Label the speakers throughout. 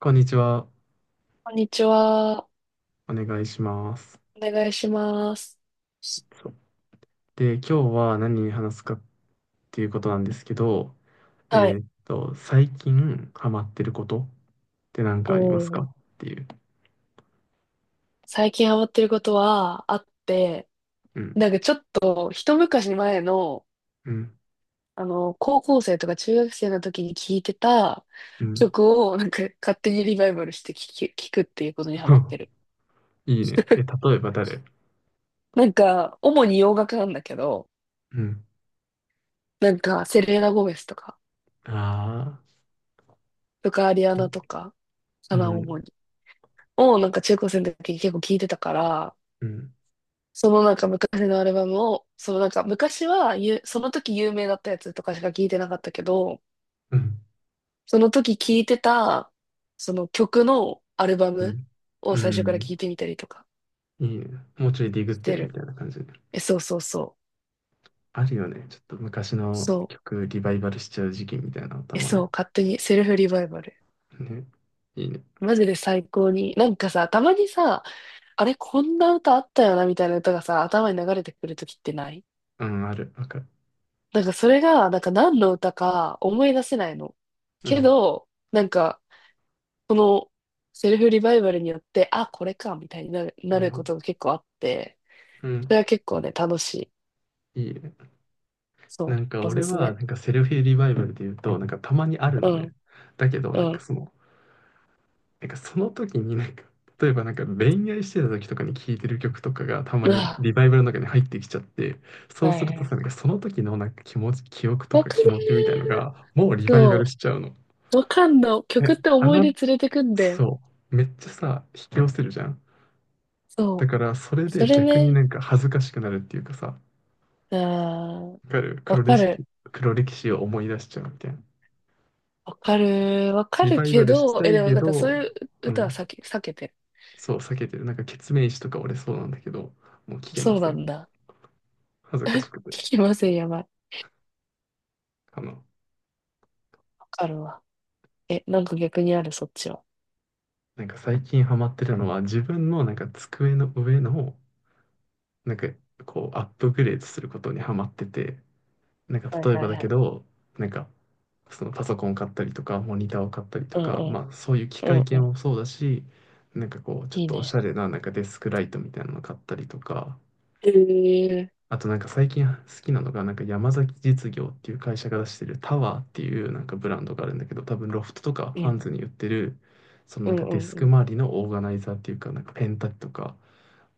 Speaker 1: こんにちは。
Speaker 2: こんにちは。
Speaker 1: お願いします。
Speaker 2: お願いします。
Speaker 1: そうで、今日は何に話すかっていうことなんですけど、え
Speaker 2: はい。
Speaker 1: 最近ハマってることって何
Speaker 2: う
Speaker 1: かありますか
Speaker 2: ん。
Speaker 1: っていう。
Speaker 2: 最近ハマってることはあって、
Speaker 1: うん、
Speaker 2: なんかちょっと一昔前の、
Speaker 1: うん、
Speaker 2: 高校生とか中学生の時に聴いてた
Speaker 1: うん。
Speaker 2: 曲を、なんか勝手にリバイバルして聴くっていうことにハマってる。
Speaker 1: いいね。え、例えば誰？
Speaker 2: なんか、主に洋楽なんだけど、
Speaker 1: うん。
Speaker 2: なんか、セレーナ・ゴメスとか、
Speaker 1: ああ、
Speaker 2: アリア
Speaker 1: う
Speaker 2: ナ
Speaker 1: ん、
Speaker 2: とか、
Speaker 1: う
Speaker 2: かな、主
Speaker 1: ん、
Speaker 2: に。を、なんか中高生の時に結構聴いてたから、
Speaker 1: うん、
Speaker 2: そのなんか昔のアルバムを、そのなんか昔はゆ、その時有名だったやつとかしか聞いてなかったけど、
Speaker 1: う
Speaker 2: その時聞いてた、その曲のアルバム
Speaker 1: ん、
Speaker 2: を
Speaker 1: う
Speaker 2: 最初から
Speaker 1: ん。
Speaker 2: 聞いてみたりとか
Speaker 1: いいね。もうちょいディグっ
Speaker 2: し
Speaker 1: て
Speaker 2: て
Speaker 1: るみ
Speaker 2: る。
Speaker 1: たいな感じ。
Speaker 2: え、そうそうそう。
Speaker 1: あるよね。ちょっと昔の
Speaker 2: そう。
Speaker 1: 曲リバイバルしちゃう時期みたいなのた
Speaker 2: え、
Speaker 1: まに。
Speaker 2: そう。勝手にセルフリバイバル。
Speaker 1: ね。いいね。
Speaker 2: マジで最高に。なんかさ、たまにさ、あれ、こんな歌あったよな、みたいな歌がさ、頭に流れてくるときってない？
Speaker 1: うん、ある。わかる。
Speaker 2: なんかそれが、なんか何の歌か思い出せないの。
Speaker 1: う
Speaker 2: け
Speaker 1: ん。
Speaker 2: ど、なんか、そのセルフリバイバルによって、あ、これか、みたいになる、な
Speaker 1: なる
Speaker 2: る
Speaker 1: ほ
Speaker 2: こ
Speaker 1: ど。
Speaker 2: とが結構あって、
Speaker 1: う
Speaker 2: そ
Speaker 1: ん。
Speaker 2: れは結構ね、楽しい。
Speaker 1: いいね。な
Speaker 2: そ
Speaker 1: んか
Speaker 2: う、おす
Speaker 1: 俺
Speaker 2: す
Speaker 1: は、
Speaker 2: め。
Speaker 1: なんかセルフリバイバルで言うと、なんかたまにある
Speaker 2: う
Speaker 1: の
Speaker 2: ん、
Speaker 1: ね。だけど、
Speaker 2: う
Speaker 1: なんか
Speaker 2: ん。
Speaker 1: その、なんかその時になんか、例えばなんか恋愛してた時とかに聴いてる曲とかがたま
Speaker 2: う
Speaker 1: に
Speaker 2: わ、
Speaker 1: リバイバルの中に入ってきちゃって、そう
Speaker 2: は
Speaker 1: す
Speaker 2: い
Speaker 1: ると
Speaker 2: は
Speaker 1: さ、
Speaker 2: い。
Speaker 1: なんかその時のなんか気持ち、記憶と
Speaker 2: わ
Speaker 1: か
Speaker 2: かる。
Speaker 1: 気持ちみたいのが、もうリバイバル
Speaker 2: そ
Speaker 1: しちゃうの。
Speaker 2: う、わかんの。曲
Speaker 1: え、
Speaker 2: って
Speaker 1: あ
Speaker 2: 思い出
Speaker 1: の、
Speaker 2: 連れてくんで。
Speaker 1: そう。めっちゃさ、引き寄せるじゃん。だ
Speaker 2: そ
Speaker 1: から、それ
Speaker 2: う。
Speaker 1: で
Speaker 2: それ
Speaker 1: 逆に
Speaker 2: ね、
Speaker 1: なんか恥ずかしくなるっていうかさ、
Speaker 2: あー、
Speaker 1: わかる。
Speaker 2: わ
Speaker 1: 黒歴
Speaker 2: か
Speaker 1: 史、
Speaker 2: る。
Speaker 1: 黒歴史を思い出しちゃうみたいな。
Speaker 2: わかる。わか
Speaker 1: リ
Speaker 2: る
Speaker 1: バイバ
Speaker 2: け
Speaker 1: ルし
Speaker 2: ど、
Speaker 1: た
Speaker 2: え、
Speaker 1: い
Speaker 2: でも
Speaker 1: け
Speaker 2: なんかそう
Speaker 1: ど、
Speaker 2: いう
Speaker 1: う
Speaker 2: 歌
Speaker 1: ん、
Speaker 2: は避けてる。
Speaker 1: そう、避けてる。なんか、ケツメイシとか俺そうなんだけど、もう聞けま
Speaker 2: そう
Speaker 1: せ
Speaker 2: な
Speaker 1: ん。
Speaker 2: んだ。
Speaker 1: 恥ずかしくて。
Speaker 2: 聞きません、やばい。
Speaker 1: あの、
Speaker 2: わかるわ。え、なんか逆にある、そっちは？
Speaker 1: なんか最近ハマってるのは、自分のなんか机の上の、なんか、こう、アップグレードすることにハマってて、なんか、
Speaker 2: はい
Speaker 1: 例え
Speaker 2: は
Speaker 1: ば
Speaker 2: い
Speaker 1: だ
Speaker 2: は
Speaker 1: け
Speaker 2: い。
Speaker 1: ど、なんか、そのパソコンを買ったりとか、モニターを買ったりと
Speaker 2: うん
Speaker 1: か、
Speaker 2: うん。
Speaker 1: まあ、そういう機
Speaker 2: う
Speaker 1: 械
Speaker 2: んう
Speaker 1: 系
Speaker 2: ん。
Speaker 1: もそうだし、なんかこう、ちょっ
Speaker 2: いい
Speaker 1: とおし
Speaker 2: ね。
Speaker 1: ゃれな、なんかデスクライトみたいなの買ったりとか、
Speaker 2: へえ。
Speaker 1: あとなんか最近好きなのが、なんか山崎実業っていう会社が出してるタワーっていうなんかブランドがあるんだけど、多分ロフトとか
Speaker 2: う
Speaker 1: ハン
Speaker 2: ん。
Speaker 1: ズに売ってる、その
Speaker 2: う
Speaker 1: なん
Speaker 2: ん
Speaker 1: か
Speaker 2: う
Speaker 1: デ
Speaker 2: ん
Speaker 1: ス
Speaker 2: う
Speaker 1: ク
Speaker 2: ん。
Speaker 1: 周りのオーガナイザーっていうか、なんかペン立てとか、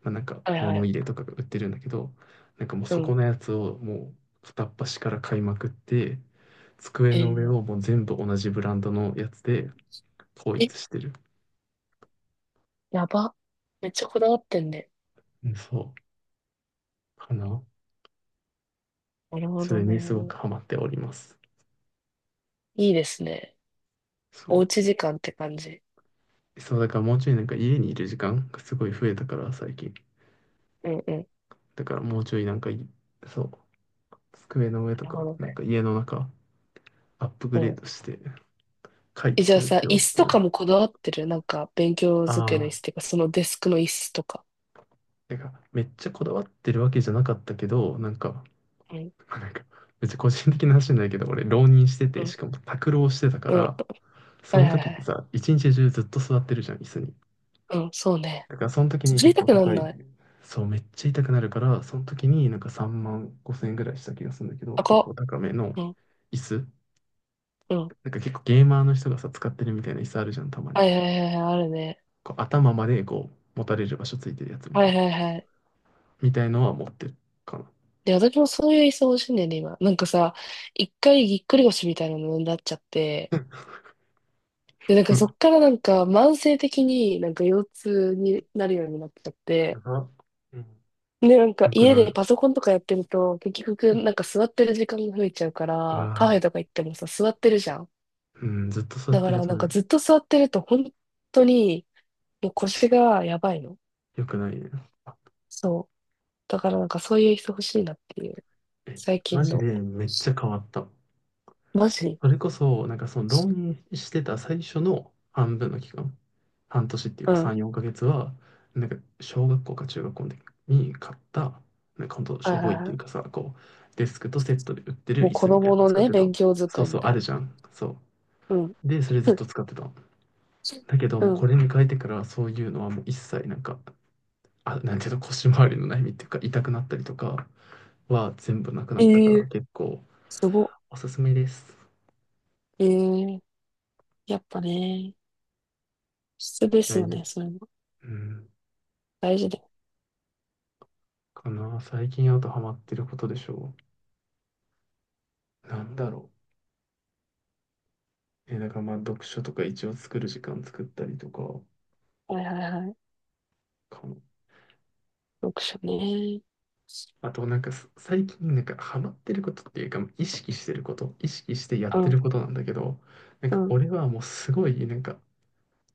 Speaker 1: まあ、なんか
Speaker 2: はいは
Speaker 1: 物入れ
Speaker 2: い。
Speaker 1: とかが売ってるんだけど、なんかもう
Speaker 2: う
Speaker 1: そこ
Speaker 2: ん。
Speaker 1: のやつをもう片っ端から買いまくって、机
Speaker 2: へ
Speaker 1: の上
Speaker 2: え。
Speaker 1: をもう全部同じブランドのやつで統
Speaker 2: え、
Speaker 1: 一してる。
Speaker 2: やば。めっちゃこだわってんね。
Speaker 1: うん、そう、かな。
Speaker 2: なるほ
Speaker 1: そ
Speaker 2: ど
Speaker 1: れにすご
Speaker 2: ね。
Speaker 1: くハマっております。
Speaker 2: いいですね。
Speaker 1: そ
Speaker 2: おう
Speaker 1: う。
Speaker 2: ち時間って感じ。
Speaker 1: そう、だからもうちょいなんか家にいる時間がすごい増えたから、最近。
Speaker 2: うんうん。
Speaker 1: だからもうちょいなんかい、そう、机の上と
Speaker 2: なるほ
Speaker 1: か、
Speaker 2: ど
Speaker 1: なん
Speaker 2: ね。
Speaker 1: か家の中、アップグ
Speaker 2: う
Speaker 1: レー
Speaker 2: ん。
Speaker 1: ドして、快
Speaker 2: え、じゃ
Speaker 1: 適
Speaker 2: あ
Speaker 1: にし
Speaker 2: さ、
Speaker 1: よ
Speaker 2: 椅
Speaker 1: うっ
Speaker 2: 子
Speaker 1: てい
Speaker 2: とか
Speaker 1: う。
Speaker 2: もこだわってる？なんか、勉強
Speaker 1: あ
Speaker 2: 机の椅子ってい
Speaker 1: あ。
Speaker 2: うか、そのデスクの椅子とか。
Speaker 1: てか、めっちゃこだわってるわけじゃなかったけど、なんか、
Speaker 2: うん。
Speaker 1: なんか、めっちゃ個人的な話になるけど、俺、浪人して
Speaker 2: う
Speaker 1: て、し
Speaker 2: ん。
Speaker 1: かも宅浪してたか
Speaker 2: うん。
Speaker 1: ら、そ
Speaker 2: はい
Speaker 1: の
Speaker 2: はい
Speaker 1: 時っ
Speaker 2: は
Speaker 1: て
Speaker 2: い。
Speaker 1: さ、一日中ずっと座ってるじゃん、椅子に。
Speaker 2: うん、そうね。
Speaker 1: だから、その時に
Speaker 2: 座
Speaker 1: 結
Speaker 2: りた
Speaker 1: 構
Speaker 2: くな
Speaker 1: 高
Speaker 2: ん
Speaker 1: い、
Speaker 2: ない。
Speaker 1: そう、めっちゃ痛くなるから、その時になんか3万5千円ぐらいした気がするんだけど、
Speaker 2: あ、
Speaker 1: 結構
Speaker 2: こ。
Speaker 1: 高めの
Speaker 2: うん。
Speaker 1: 椅子。
Speaker 2: うん。
Speaker 1: なんか結構ゲーマーの人がさ、使ってるみたいな椅子あるじゃん、たまに。
Speaker 2: はいはいはいはい、あるね。
Speaker 1: こう頭までこう、持たれる場所ついてるやつみ
Speaker 2: は
Speaker 1: たい
Speaker 2: い
Speaker 1: な。
Speaker 2: はいはい。
Speaker 1: みたいのは持ってるかな。
Speaker 2: で、私もそういう椅子欲しいんだよね、今。なんかさ、一回ぎっくり腰みたいなのになっちゃって、で、なん
Speaker 1: う
Speaker 2: か
Speaker 1: ん。
Speaker 2: そっからなんか慢性的になんか腰痛になるようになっちゃっ
Speaker 1: や
Speaker 2: て、
Speaker 1: ば。うん。
Speaker 2: で、なんか
Speaker 1: よく
Speaker 2: 家で
Speaker 1: な
Speaker 2: パソコンとかやってると、結
Speaker 1: い。
Speaker 2: 局
Speaker 1: う
Speaker 2: な
Speaker 1: ん。
Speaker 2: んか座ってる時間が増えちゃうか
Speaker 1: う
Speaker 2: ら、カフ
Speaker 1: わ
Speaker 2: ェとか行ってもさ、座ってるじゃん。
Speaker 1: ぁ。うん、ずっと座
Speaker 2: だ
Speaker 1: っ
Speaker 2: か
Speaker 1: てる
Speaker 2: ら
Speaker 1: と
Speaker 2: なん
Speaker 1: ね、
Speaker 2: かずっと座ってると本当にもう腰がやばいの。
Speaker 1: よくないね。
Speaker 2: そう。だからなんかそういう椅子欲しいなっていう、
Speaker 1: え、
Speaker 2: 最
Speaker 1: マ
Speaker 2: 近
Speaker 1: ジで
Speaker 2: の。
Speaker 1: めっちゃ変わった。
Speaker 2: マジ。
Speaker 1: それこそ、なんかその浪人してた最初の半分の期間、半年っていう
Speaker 2: う
Speaker 1: か
Speaker 2: ん。
Speaker 1: 3、4ヶ月は、なんか小学校か中学校の時に買った、なんかほんとし
Speaker 2: はい
Speaker 1: ょ
Speaker 2: は
Speaker 1: ぼいっ
Speaker 2: い
Speaker 1: てい
Speaker 2: は
Speaker 1: うか
Speaker 2: い。
Speaker 1: さ、こう、デスクとセットで売ってる
Speaker 2: もう
Speaker 1: 椅
Speaker 2: 子
Speaker 1: 子みたい
Speaker 2: 供
Speaker 1: なの
Speaker 2: の
Speaker 1: 使っ
Speaker 2: ね、
Speaker 1: てたの。
Speaker 2: 勉強
Speaker 1: そう
Speaker 2: 机
Speaker 1: そ
Speaker 2: み
Speaker 1: う、
Speaker 2: た
Speaker 1: あ
Speaker 2: い
Speaker 1: る
Speaker 2: な。
Speaker 1: じゃん。そ
Speaker 2: うん。
Speaker 1: う。で、それずっと使ってたの。だけど、
Speaker 2: う
Speaker 1: もう
Speaker 2: ん。
Speaker 1: これに変えてから、そういうのはもう一切なんか、あ、なんていうの、腰回りの悩みっていうか、痛くなったりとかは全部なくな
Speaker 2: え
Speaker 1: ったか
Speaker 2: え
Speaker 1: ら、
Speaker 2: ー、
Speaker 1: 結構
Speaker 2: すごっ。
Speaker 1: おすすめです。
Speaker 2: ええー、やっぱね、質です
Speaker 1: 大
Speaker 2: よ
Speaker 1: 事。
Speaker 2: ね、そういうの。
Speaker 1: うん。
Speaker 2: 大事で。
Speaker 1: かな。最近あとハマってることでしょう。なんだろう。え、だからまあ読書とか一応作る時間作ったりとか
Speaker 2: はいはいはい。
Speaker 1: かな。
Speaker 2: 読書ね。
Speaker 1: あとなんか最近なんかハマってることっていうか意識してること、意識してやっ
Speaker 2: う
Speaker 1: てる
Speaker 2: ん、
Speaker 1: ことなんだけど、なん
Speaker 2: う
Speaker 1: か
Speaker 2: ん、
Speaker 1: 俺はもうすごいなんか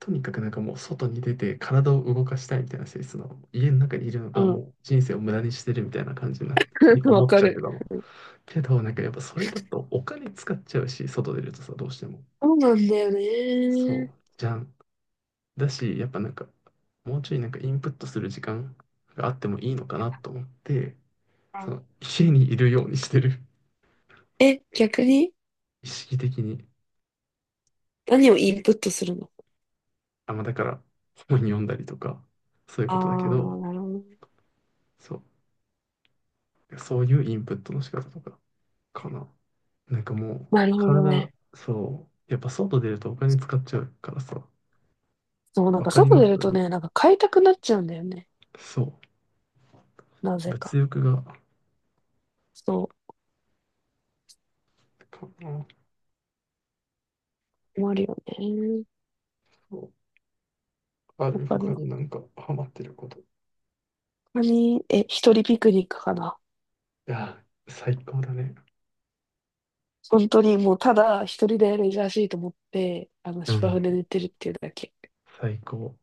Speaker 1: とにかくなんかもう外に出て体を動かしたいみたいな性質の家の中にいるの
Speaker 2: う
Speaker 1: がも
Speaker 2: ん。
Speaker 1: う人生を無駄にしてるみたいな感じになってに
Speaker 2: わ
Speaker 1: 思っ
Speaker 2: か
Speaker 1: ちゃって
Speaker 2: る。
Speaker 1: たの。けどなんかやっぱそれだとお金使っちゃうし、外出るとさ、どうしても。
Speaker 2: そうなんだよね。
Speaker 1: そう。じゃん。だし、やっぱなんか、もうちょいなんかインプットする時間があってもいいのかなと思って、
Speaker 2: う
Speaker 1: そ
Speaker 2: ん。
Speaker 1: の家にいるようにしてる。
Speaker 2: え、逆に
Speaker 1: 意識的に。
Speaker 2: 何をインプットするの？
Speaker 1: あ、まあだから本読んだりとか、そういう
Speaker 2: あ
Speaker 1: ことだけ
Speaker 2: あ、
Speaker 1: ど、
Speaker 2: なるほどね。
Speaker 1: そう、そういうインプットの仕方とかかな。なんかもう、
Speaker 2: なるほど
Speaker 1: 体、
Speaker 2: ね。
Speaker 1: そう、やっぱ外出るとお金使っちゃうからさ、
Speaker 2: そう、なん
Speaker 1: わ
Speaker 2: か
Speaker 1: かり
Speaker 2: 外
Speaker 1: ま
Speaker 2: 出
Speaker 1: す。
Speaker 2: るとね、なんか買いたくなっちゃうんだよね。
Speaker 1: そ
Speaker 2: な
Speaker 1: う、
Speaker 2: ぜ
Speaker 1: 物
Speaker 2: か。
Speaker 1: 欲が、
Speaker 2: そ
Speaker 1: かな。
Speaker 2: う、困るよね。
Speaker 1: そう、あ
Speaker 2: わ
Speaker 1: る
Speaker 2: か
Speaker 1: 他
Speaker 2: る。
Speaker 1: になんかハマってること。い
Speaker 2: 本当に、え、一人ピクニックかな。
Speaker 1: や、最高だね。
Speaker 2: 本当にもうただ一人でレジャーシート持って、
Speaker 1: う
Speaker 2: 芝生
Speaker 1: ん。
Speaker 2: で寝てるっていうだけ。
Speaker 1: 最高。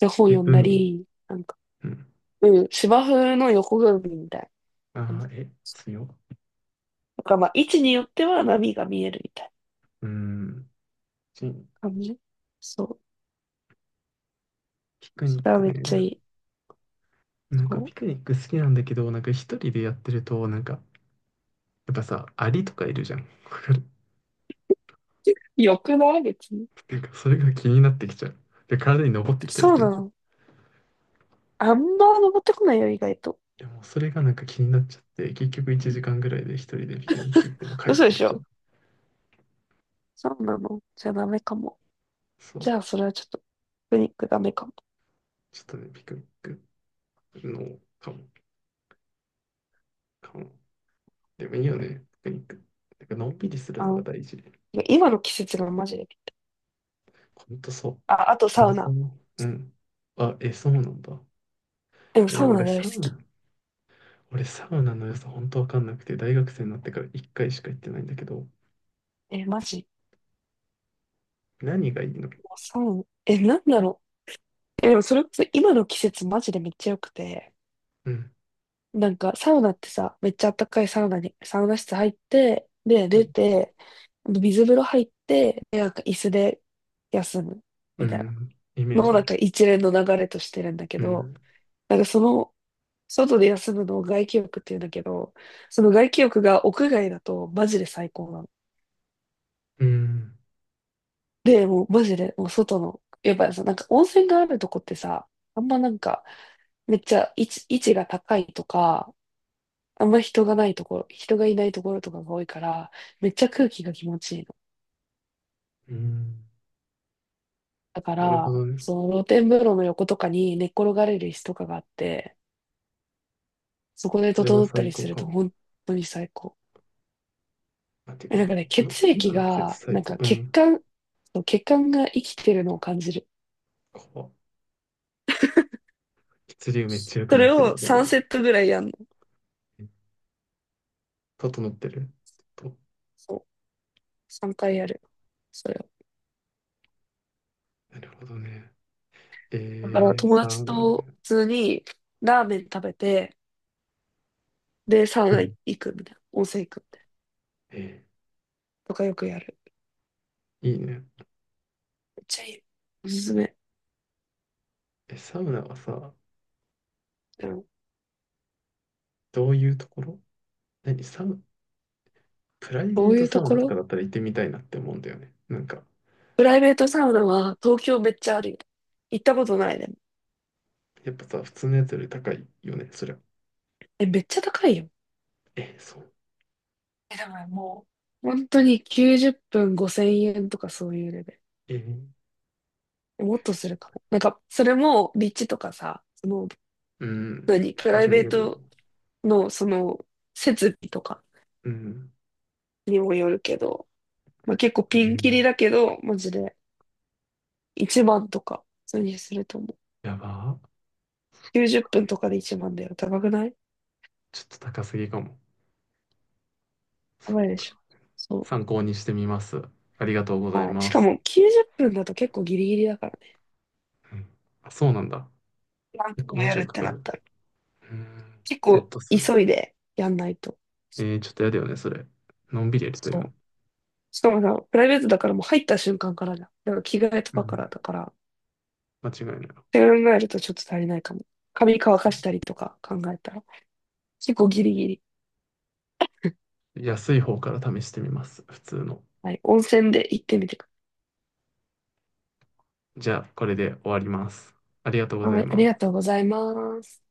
Speaker 2: で、本
Speaker 1: え、
Speaker 2: 読んだ
Speaker 1: 海？
Speaker 2: り、なんか、
Speaker 1: うん。
Speaker 2: うん、芝生の横組みみたいな感
Speaker 1: あ
Speaker 2: じ。
Speaker 1: あ、え、強。
Speaker 2: なんかまあ、位置によっては波が見えるみたい
Speaker 1: うん。し
Speaker 2: な感じ。そう。
Speaker 1: ピクニ
Speaker 2: そ
Speaker 1: ッ
Speaker 2: れは
Speaker 1: ク
Speaker 2: めっ
Speaker 1: ね。
Speaker 2: ちゃいい。
Speaker 1: なんか
Speaker 2: そ
Speaker 1: ピクニック好きなんだけど、なんか一人でやってると、なんか、やっぱさ、アリとかいるじゃん。わかる。
Speaker 2: う。よくない別に。
Speaker 1: なんかそれが気になってきちゃう。で、体に登ってきたり
Speaker 2: そう
Speaker 1: する
Speaker 2: な
Speaker 1: じゃん。
Speaker 2: の。あんま登ってこないよ、意外と。
Speaker 1: でもそれがなんか気になっちゃって、結局1時間ぐらいで一人でピクニック行っても帰っ
Speaker 2: 嘘で
Speaker 1: てき
Speaker 2: し
Speaker 1: ちゃう。
Speaker 2: ょ？そうなの。じゃあダメかも。
Speaker 1: そ
Speaker 2: じ
Speaker 1: う。
Speaker 2: ゃあそれはちょっと、ピクニックダメかも。
Speaker 1: ちょっとね、ピクニックの、かも、かも。でもいいよね、ピクニック。なんかのんびりする
Speaker 2: あ
Speaker 1: のが
Speaker 2: の
Speaker 1: 大事。
Speaker 2: 今の季節がマジで。
Speaker 1: ほんとそ
Speaker 2: あ、あと
Speaker 1: う。
Speaker 2: サ
Speaker 1: 温
Speaker 2: ウナ。
Speaker 1: 泉。うん。あ、え、そうなんだ。
Speaker 2: でも
Speaker 1: え、
Speaker 2: サウナ大好き。
Speaker 1: 俺サウナの良さ本当わかんなくて、大学生になってから一回しか行ってないんだけど、
Speaker 2: え、マジ？
Speaker 1: 何がいいの？
Speaker 2: もうサウナ。え、なんだろう。え、でもそれこそ今の季節マジでめっちゃ良くて。
Speaker 1: うん、
Speaker 2: なんかサウナってさ、めっちゃ暖かいサウナに、サウナ室入って、で、
Speaker 1: う
Speaker 2: 出
Speaker 1: ん、
Speaker 2: て、水風呂入って、で、なんか椅子で休む。
Speaker 1: う
Speaker 2: みたいな。
Speaker 1: ん。イメージ
Speaker 2: の、
Speaker 1: あ
Speaker 2: なん
Speaker 1: る。
Speaker 2: か一連の流れとしてるんだけ
Speaker 1: う
Speaker 2: ど、
Speaker 1: ん、
Speaker 2: なんかその、外で休むのを外気浴って言うんだけど、その外気浴が屋外だとマジで最高なの。
Speaker 1: うん、
Speaker 2: で、もうマジで、もう外の、やっぱりさ、なんか温泉があるとこってさ、あんまなんか、めっちゃ位置が高いとか、あんま人がないところ、人がいないところとかが多いから、めっちゃ空気が気持ちいいの。
Speaker 1: うん。
Speaker 2: だか
Speaker 1: なるほ
Speaker 2: ら、
Speaker 1: どね。
Speaker 2: その露天風呂の横とかに寝っ転がれる椅子とかがあって、そこで
Speaker 1: それは
Speaker 2: 整った
Speaker 1: 最
Speaker 2: りす
Speaker 1: 高
Speaker 2: る
Speaker 1: か
Speaker 2: と
Speaker 1: も。
Speaker 2: 本当に最高。
Speaker 1: あ、て
Speaker 2: え、
Speaker 1: かや
Speaker 2: な
Speaker 1: っ
Speaker 2: ん
Speaker 1: ぱ
Speaker 2: か
Speaker 1: もう
Speaker 2: ね、
Speaker 1: この
Speaker 2: 血
Speaker 1: 今
Speaker 2: 液
Speaker 1: の季節
Speaker 2: が、
Speaker 1: 最
Speaker 2: なん
Speaker 1: 高。
Speaker 2: か
Speaker 1: う
Speaker 2: 血
Speaker 1: ん。
Speaker 2: 管、そう血管が生きてるのを感じる。
Speaker 1: こう、血流めっちゃ良く
Speaker 2: そ
Speaker 1: な
Speaker 2: れ
Speaker 1: ってる
Speaker 2: を
Speaker 1: みたいな。
Speaker 2: 3セットぐらいやんの。
Speaker 1: 整ってる。と、
Speaker 2: そう。3回やる。それを。
Speaker 1: なるほどね。
Speaker 2: だから友
Speaker 1: サ
Speaker 2: 達
Speaker 1: ウナ
Speaker 2: と
Speaker 1: ね。
Speaker 2: 普通にラーメン食べて、で、サウ
Speaker 1: う
Speaker 2: ナ
Speaker 1: ん。
Speaker 2: 行くみたいな、温泉行くみたいな
Speaker 1: え
Speaker 2: とかよくやる。
Speaker 1: ーいいね。
Speaker 2: めっちゃいい。おすすめ。
Speaker 1: え、サウナはさ、
Speaker 2: うん。
Speaker 1: どういうところ？何サウ、プライ
Speaker 2: ど
Speaker 1: ベー
Speaker 2: うい
Speaker 1: ト
Speaker 2: う
Speaker 1: サ
Speaker 2: と
Speaker 1: ウ
Speaker 2: こ
Speaker 1: ナとか
Speaker 2: ろ？
Speaker 1: だったら行ってみたいなって思うんだよね。なんか、
Speaker 2: プライベートサウナは東京めっちゃあるよ。行ったことないでも。
Speaker 1: やっぱさ、普通のやつより高いよね、そりゃ。
Speaker 2: え、めっちゃ高いよ。
Speaker 1: え、そう。
Speaker 2: え、でももう、本当に90分5000円とかそういうレベル。
Speaker 1: えー、よい
Speaker 2: もっとす
Speaker 1: しょ。
Speaker 2: るかも。なんか、それも立地とかさ、その、
Speaker 1: うん。
Speaker 2: 何、プ
Speaker 1: 場
Speaker 2: ライ
Speaker 1: 所
Speaker 2: ベ
Speaker 1: に
Speaker 2: ー
Speaker 1: よるよ
Speaker 2: ト
Speaker 1: ね。
Speaker 2: のその、設備とか
Speaker 1: うん。
Speaker 2: にもよるけど、まあ、結構
Speaker 1: う
Speaker 2: ピンキリ
Speaker 1: ん。
Speaker 2: だけど、マジで1万とか、普通にすると思う。
Speaker 1: やばー。
Speaker 2: 90分とかで1万だよ。高くない？
Speaker 1: ちょっと高すぎかも。
Speaker 2: やばいでしょ。そ
Speaker 1: 参考にしてみます。ありがとうご
Speaker 2: う。
Speaker 1: ざい
Speaker 2: はい。し
Speaker 1: ま
Speaker 2: か
Speaker 1: す。
Speaker 2: も90分だと結構ギリギリだからね。
Speaker 1: うん。あ、そうなんだ。
Speaker 2: 何
Speaker 1: 結
Speaker 2: 回
Speaker 1: 構
Speaker 2: も
Speaker 1: もう
Speaker 2: や
Speaker 1: ちょ
Speaker 2: るっ
Speaker 1: いか
Speaker 2: て
Speaker 1: か
Speaker 2: なっ
Speaker 1: る。
Speaker 2: たら。
Speaker 1: うん。
Speaker 2: 結
Speaker 1: セッ
Speaker 2: 構
Speaker 1: ト数。
Speaker 2: 急いでやんないと。
Speaker 1: えー、ちょっとやだよね、それ。のんびりやりたい
Speaker 2: そ
Speaker 1: よね。
Speaker 2: う。しかもさ、プライベートだからもう入った瞬間からじゃん。だから着替えと
Speaker 1: う
Speaker 2: かか
Speaker 1: ん。
Speaker 2: らだから。っ
Speaker 1: 間違いない。
Speaker 2: て考えるとちょっと足りないかも。髪乾
Speaker 1: そう、
Speaker 2: かしたりとか考えたら。結構ギリギリ。
Speaker 1: 安い方から試してみます。普通の。
Speaker 2: はい。温泉で行ってみてく
Speaker 1: じゃあ、これで終わります。ありがとうご
Speaker 2: ださい。
Speaker 1: ざ
Speaker 2: は
Speaker 1: い
Speaker 2: い。あり
Speaker 1: ます。
Speaker 2: がとうございます。